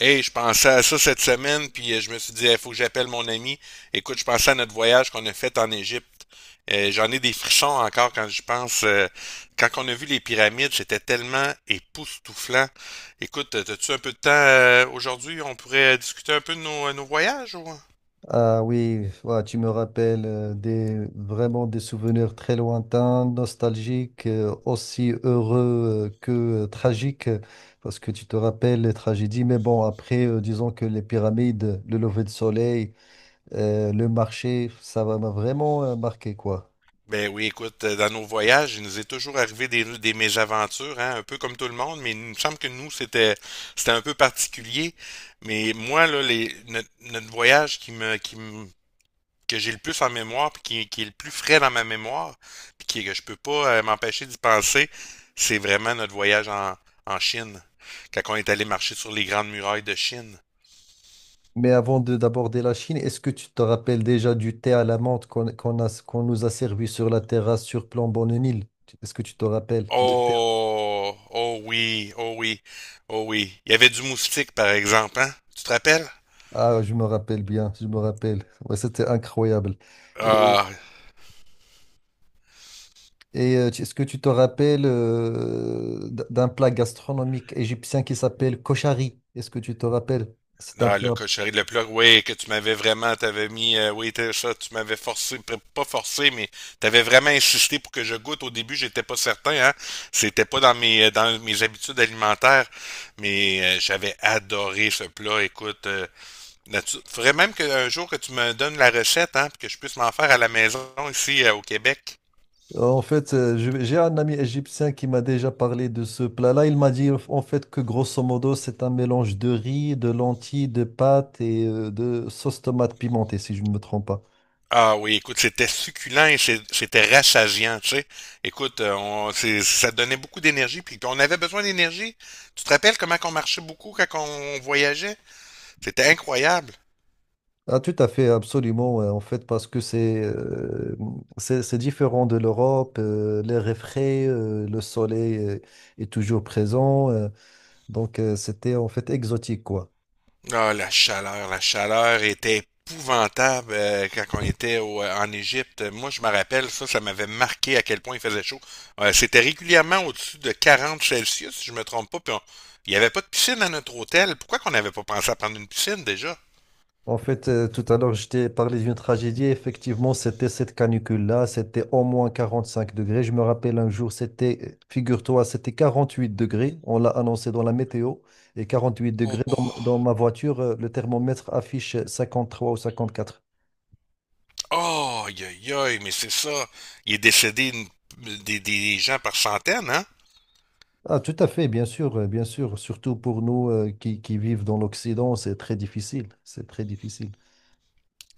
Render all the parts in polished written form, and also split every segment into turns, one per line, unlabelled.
Hey, je pensais à ça cette semaine, puis je me suis dit, il faut que j'appelle mon ami. Écoute, je pensais à notre voyage qu'on a fait en Égypte. J'en ai des frissons encore quand je pense. Quand on a vu les pyramides, c'était tellement époustouflant. Écoute, as-tu un peu de temps aujourd'hui? On pourrait discuter un peu de nos voyages, ou?
Ah oui, ouais, tu me rappelles vraiment des souvenirs très lointains, nostalgiques, aussi heureux que tragiques, parce que tu te rappelles les tragédies. Mais bon, après, disons que les pyramides, le lever de soleil, le marché, m'a vraiment marqué, quoi.
Ben oui, écoute, dans nos voyages, il nous est toujours arrivé des mésaventures, hein, un peu comme tout le monde, mais il me semble que nous, c'était un peu particulier. Mais moi, là, les, notre, notre voyage que j'ai le plus en mémoire, puis qui est le plus frais dans ma mémoire, puis que je peux pas m'empêcher d'y penser, c'est vraiment notre voyage en, en Chine, quand on est allé marcher sur les grandes murailles de Chine.
Mais avant de d'aborder la Chine, est-ce que tu te rappelles déjà du thé à la menthe qu'on nous a servi sur la terrasse sur Plomb-Bonne-Île? Est-ce que tu te rappelles? Le thé
Oh, oh oui, oh oui, oh oui. Il y avait du moustique, par exemple, hein? Tu te rappelles?
Ah, je me rappelle bien, je me rappelle. Ouais, c'était incroyable. Et,
Ah,
Est-ce que tu te rappelles d'un plat gastronomique égyptien qui s'appelle koshari? Est-ce que tu te rappelles? C'est un
non, le
plat.
cochonnerie, le plat, oui, que tu m'avais vraiment, t'avais mis, oui, ça, tu m'avais forcé, pas forcé, mais t'avais vraiment insisté pour que je goûte. Au début, j'étais pas certain, hein. C'était pas dans dans mes habitudes alimentaires, mais j'avais adoré ce plat. Écoute, faudrait même qu'un jour que tu me donnes la recette, hein, puis que je puisse m'en faire à la maison ici au Québec.
En fait, j'ai un ami égyptien qui m'a déjà parlé de ce plat-là. Il m'a dit en fait que grosso modo, c'est un mélange de riz, de lentilles, de pâtes et de sauce tomate pimentée, si je ne me trompe pas.
Ah oui, écoute, c'était succulent et c'était rassasiant, tu sais. Écoute, ça donnait beaucoup d'énergie, puis on avait besoin d'énergie. Tu te rappelles comment on marchait beaucoup quand on voyageait? C'était incroyable.
Ah, tout à fait, absolument, ouais, en fait, parce que c'est différent de l'Europe, l'air est frais, le soleil est toujours présent, donc c'était en fait exotique, quoi.
Ah, la chaleur était épouvantable quand on était en Égypte. Moi, je me rappelle, ça m'avait marqué à quel point il faisait chaud. C'était régulièrement au-dessus de 40 Celsius, si je me trompe pas, il n'y avait pas de piscine à notre hôtel. Pourquoi qu'on n'avait pas pensé à prendre une piscine déjà?
En fait, tout à l'heure, je t'ai parlé d'une tragédie, effectivement, c'était cette canicule-là, c'était au moins 45 degrés. Je me rappelle un jour, c'était, figure-toi, c'était 48 degrés, on l'a annoncé dans la météo, et 48 degrés, dans
Oh!
ma voiture, le thermomètre affiche 53 ou 54.
Oh, aïe, aïe, aïe, mais c'est ça. Il est décédé une- des gens par centaines, hein?
Ah, tout à fait, bien sûr, bien sûr. Surtout pour nous qui vivent dans l'Occident, c'est très difficile. C'est très difficile.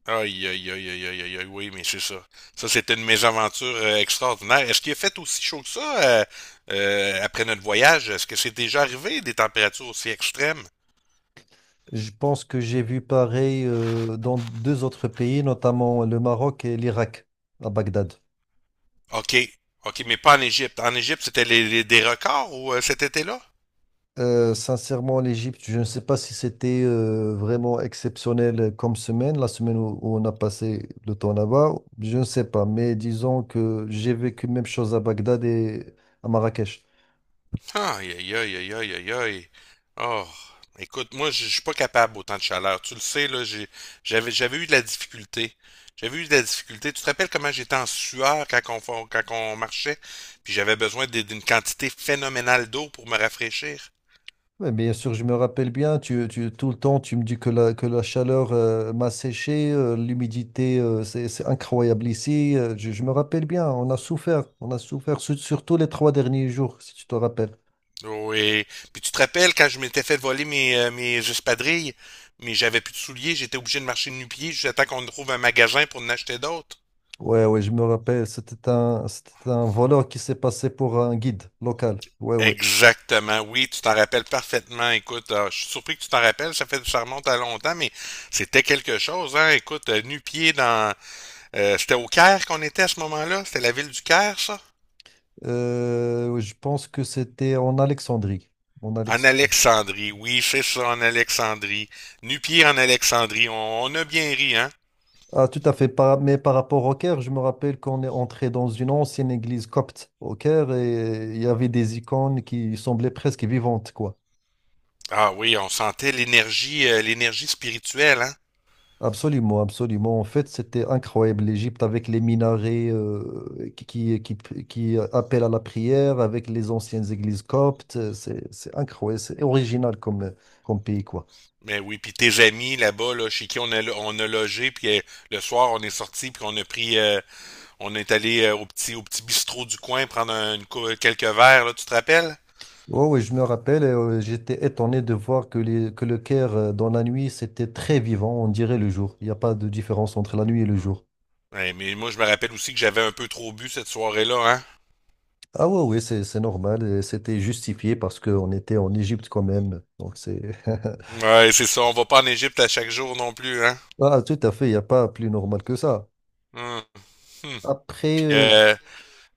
Aïe, aïe, aïe, aïe, aïe, aïe, aïe, oui, mais c'est ça. Ça, c'était une mésaventure extraordinaire. Est-ce qu'il a fait aussi chaud que ça après notre voyage? Est-ce que c'est déjà arrivé des températures aussi extrêmes?
Je pense que j'ai vu pareil dans deux autres pays, notamment le Maroc et l'Irak, à Bagdad.
OK, OK, mais pas en Égypte. En Égypte, c'était des records ou cet été-là?
Sincèrement, l'Égypte, je ne sais pas si c'était vraiment exceptionnel comme semaine, la semaine où on a passé le temps là-bas, je ne sais pas. Mais disons que j'ai vécu même chose à Bagdad et à Marrakech.
Aïe, aïe, aïe, aïe, aïe, aïe, aïe. Oh, écoute, moi, je suis pas capable autant de chaleur. Tu le sais, là, j'avais eu de la difficulté. J'avais eu de la difficulté. Tu te rappelles comment j'étais en sueur quand quand on marchait, puis j'avais besoin d'une quantité phénoménale d'eau pour me rafraîchir.
Ouais, bien sûr, je me rappelle bien, tout le temps, tu me dis que la chaleur m'a séché, l'humidité, c'est incroyable ici. Je me rappelle bien, on a souffert, surtout les 3 derniers jours, si tu te rappelles.
Oui. Puis tu te rappelles quand je m'étais fait voler mes espadrilles, mais j'avais plus de souliers, j'étais obligé de marcher de nu-pieds jusqu'à temps qu'on trouve un magasin pour en acheter d'autres.
Ouais, ouais, je me rappelle, c'était un voleur qui s'est passé pour un guide local. Ouais, ouais.
Exactement, oui, tu t'en rappelles parfaitement. Écoute, je suis surpris que tu t'en rappelles, ça fait ça remonte à longtemps, mais c'était quelque chose, hein. Écoute, nu-pieds dans c'était au Caire qu'on était à ce moment-là, c'était la ville du Caire, ça?
Je pense que c'était en Alexandrie. En
En
Alexandrie.
Alexandrie, oui, c'est ça, en Alexandrie. Nu-pieds en Alexandrie, on a bien ri, hein?
Ah, tout à fait. Mais par rapport au Caire, je me rappelle qu'on est entré dans une ancienne église copte au Caire et il y avait des icônes qui semblaient presque vivantes, quoi.
Ah oui, on sentait l'énergie spirituelle, hein?
Absolument, absolument. En fait, c'était incroyable. L'Égypte avec les minarets qui appellent à la prière, avec les anciennes églises coptes. C'est incroyable. C'est original comme pays, quoi.
Mais oui, puis tes amis là-bas, là, chez qui on a logé, puis le soir on est sorti, puis on a pris On est allé au au petit bistrot du coin prendre quelques verres, là, tu te rappelles?
Oh, oui, je me rappelle, j'étais étonné de voir que le Caire, dans la nuit, c'était très vivant, on dirait le jour. Il n'y a pas de différence entre la nuit et le
Mm.
jour.
Ouais, mais moi, je me rappelle aussi que j'avais un peu trop bu cette soirée-là, hein?
Ah ouais, oui, c'est normal. Et c'était justifié parce qu'on était en Égypte quand même. Donc c'est.
Ouais, c'est ça, on va pas en Égypte à chaque jour non plus, hein?
Ah, tout à fait, il n'y a pas plus normal que ça.
Hum, hum.
Après,
Puis,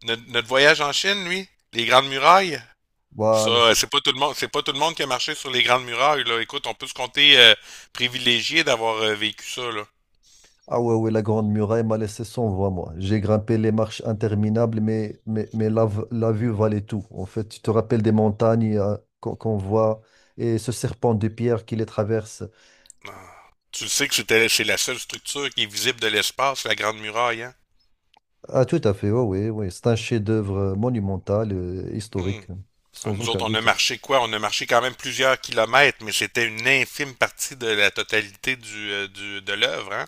notre, notre voyage en Chine, lui, les grandes murailles,
voilà.
ça, c'est pas tout le monde qui a marché sur les grandes murailles, là. Écoute, on peut se compter privilégié d'avoir vécu ça, là.
Ah ouais, ouais, la Grande Muraille m'a laissé sans voix, moi. J'ai grimpé les marches interminables, mais la vue valait tout. En fait, tu te rappelles des montagnes qu'on voit et ce serpent de pierre qui les traverse.
Ah. Tu le sais que c'est la seule structure qui est visible de l'espace, la grande muraille, hein?
Ah, tout à fait, oui, oui, oui. C'est un chef-d'œuvre monumental, historique,
Hum. Alors,
sans
nous
aucun
autres, on a
doute.
marché quoi? On a marché quand même plusieurs kilomètres, mais c'était une infime partie de la totalité de l'œuvre, hein?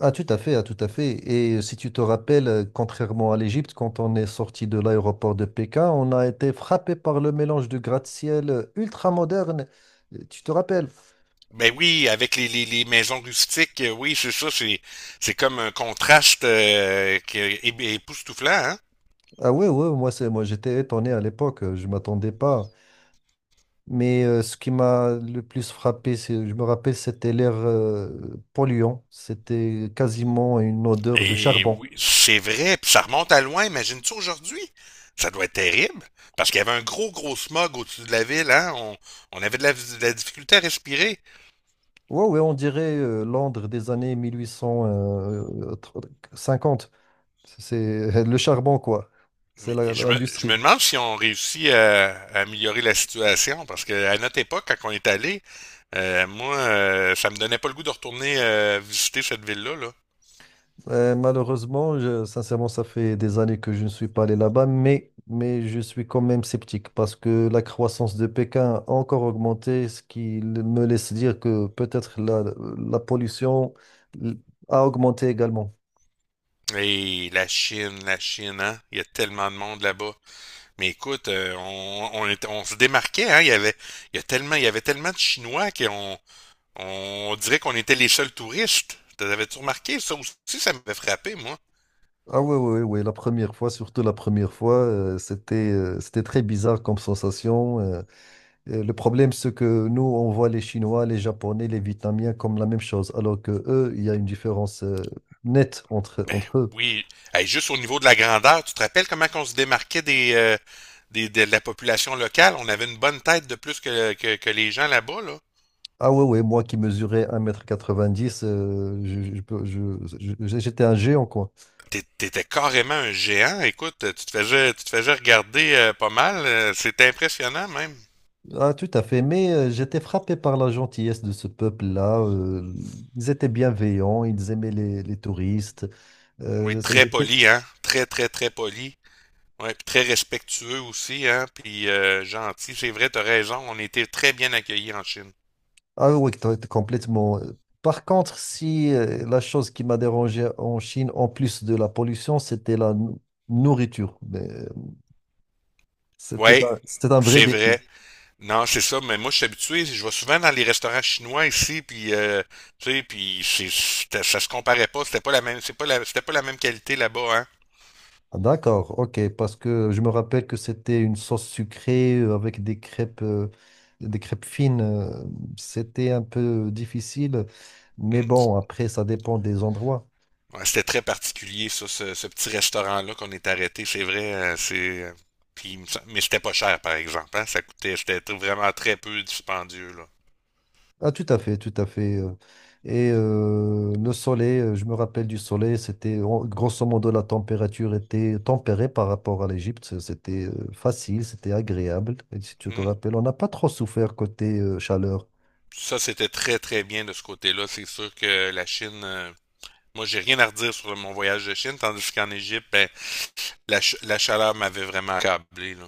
Ah, tout à fait, ah, tout à fait. Et si tu te rappelles, contrairement à l'Égypte, quand on est sorti de l'aéroport de Pékin, on a été frappé par le mélange de gratte-ciel ultra-moderne. Tu te rappelles?
Ben oui, avec les maisons rustiques, oui, c'est comme un contraste qui est époustouflant, hein?
Ah ouais, ouais, moi j'étais étonné à l'époque, je m'attendais pas. Mais ce qui m'a le plus frappé, c'est, je me rappelle, c'était l'air polluant. C'était quasiment une odeur de
Et
charbon.
oui, c'est vrai, puis ça remonte à loin, imagine-tu aujourd'hui? Ça doit être terrible, parce qu'il y avait un gros smog au-dessus de la ville, hein? On avait de de la difficulté à respirer.
Ouais, ouais, on dirait Londres des années 1850. C'est le charbon, quoi. C'est
Mais je me
l'industrie.
demande si on réussit à améliorer la situation, parce que à notre époque, quand on est allé, ça me donnait pas le goût de retourner visiter cette ville-là, là.
Malheureusement, sincèrement, ça fait des années que je ne suis pas allé là-bas, mais je suis quand même sceptique parce que la croissance de Pékin a encore augmenté, ce qui me laisse dire que peut-être la pollution l- a augmenté également.
Et la Chine, hein? Il y a tellement de monde là-bas. Mais écoute, on se démarquait, hein? Il y avait tellement de Chinois qu'on dirait qu'on était les seuls touristes. T'avais-tu remarqué? Ça aussi, ça m'avait frappé, moi.
Ah oui, oui, oui, la première fois, surtout la première fois, c'était très bizarre comme sensation. Le problème, c'est que nous, on voit les Chinois, les Japonais, les Vietnamiens comme la même chose, alors que eux, il y a une différence nette
Ben
entre eux.
oui. Hey, juste au niveau de la grandeur, tu te rappelles comment on se démarquait de la population locale? On avait une bonne tête de plus que les gens là-bas, là.
Ah ouais, ouais, moi qui mesurais 1,90 m, je peux- je- j'étais un géant, quoi.
T'étais carrément un géant. Écoute, tu te faisais regarder pas mal. C'était impressionnant même.
Ah, tout à fait, mais j'étais frappé par la gentillesse de ce peuple-là. Ils étaient bienveillants, ils aimaient les touristes.
Oui, très
J'étais.
poli, hein? Très poli. Ouais, puis très respectueux aussi, hein? Puis gentil. C'est vrai, t'as raison. On était très bien accueillis en Chine.
Ah oui, toi, t'es complètement. Par contre, si la chose qui m'a dérangé en Chine, en plus de la pollution, c'était nourriture. Mais c'était
Ouais,
un, c'était un vrai
c'est
défi.
vrai. Non, c'est ça, mais moi, je suis habitué, je vais souvent dans les restaurants chinois ici, tu sais, ça se comparait pas, c'était pas la même qualité là-bas, hein.
Ah, d'accord, ok, parce que je me rappelle que c'était une sauce sucrée avec des crêpes fines. C'était un peu difficile, mais
Mm.
bon, après, ça dépend des endroits.
Ouais, c'était très particulier, ce petit restaurant-là qu'on est arrêté, c'est vrai, puis, mais c'était pas cher, par exemple, hein, ça coûtait, c'était tr- vraiment très peu dispendieux, là.
Ah, tout à fait, tout à fait. Et le soleil, je me rappelle du soleil, grosso modo la température était tempérée par rapport à l'Égypte. C'était facile, c'était agréable. Et si tu te
Mm.
rappelles, on n'a pas trop souffert côté chaleur.
Ça, c'était très, très bien de ce côté-là, c'est sûr que la Chine, moi, j'ai rien à redire sur mon voyage de Chine, tandis qu'en Égypte, ben, la chaleur m'avait vraiment accablé, là.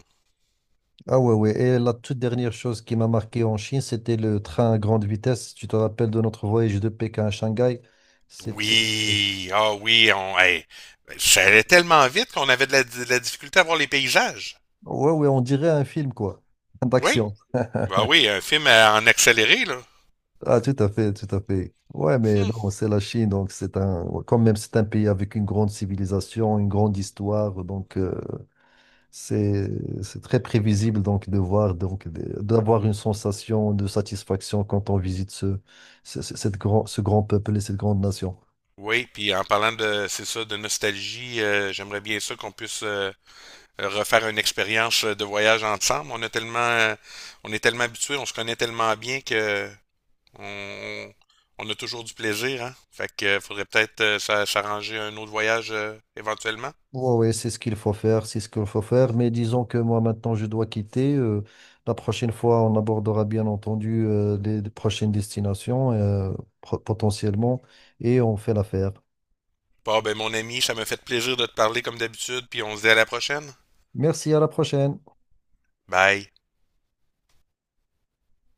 Ah ouais, ouais. Et la toute dernière chose qui m'a marqué en Chine, c'était le train à grande vitesse. Tu te rappelles de notre voyage de Pékin à Shanghai? C'était.
Oui, ah oui, on, hey, ça allait tellement vite qu'on avait de de la difficulté à voir les paysages.
Ouais, ouais, on dirait un film, quoi,
Oui,
d'action.
ah oui, un film en accéléré, là.
Ah, tout à fait, tout à fait. Ouais, mais
Hmm.
non, c'est la Chine, donc c'est un, ouais, quand même, c'est un pays avec une grande civilisation, une grande histoire, donc c'est c'est très prévisible donc de voir d'avoir une sensation de satisfaction quand on visite ce grand peuple et cette grande nation.
Oui, puis en parlant de, c'est ça, de nostalgie, j'aimerais bien ça qu'on puisse refaire une expérience de voyage ensemble. On a tellement, on est tellement habitués, on se connaît tellement bien que On, on a toujours du plaisir, hein? Fait que faudrait peut-être s'arranger un autre voyage éventuellement.
Oui, c'est ce qu'il faut faire, c'est ce qu'il faut faire. Mais disons que moi, maintenant, je dois quitter. La prochaine fois, on abordera bien entendu les prochaines destinations potentiellement et on fait l'affaire.
Bon, ben mon ami, ça me fait plaisir de te parler comme d'habitude, puis on se dit à la prochaine.
Merci, à la prochaine.
Bye.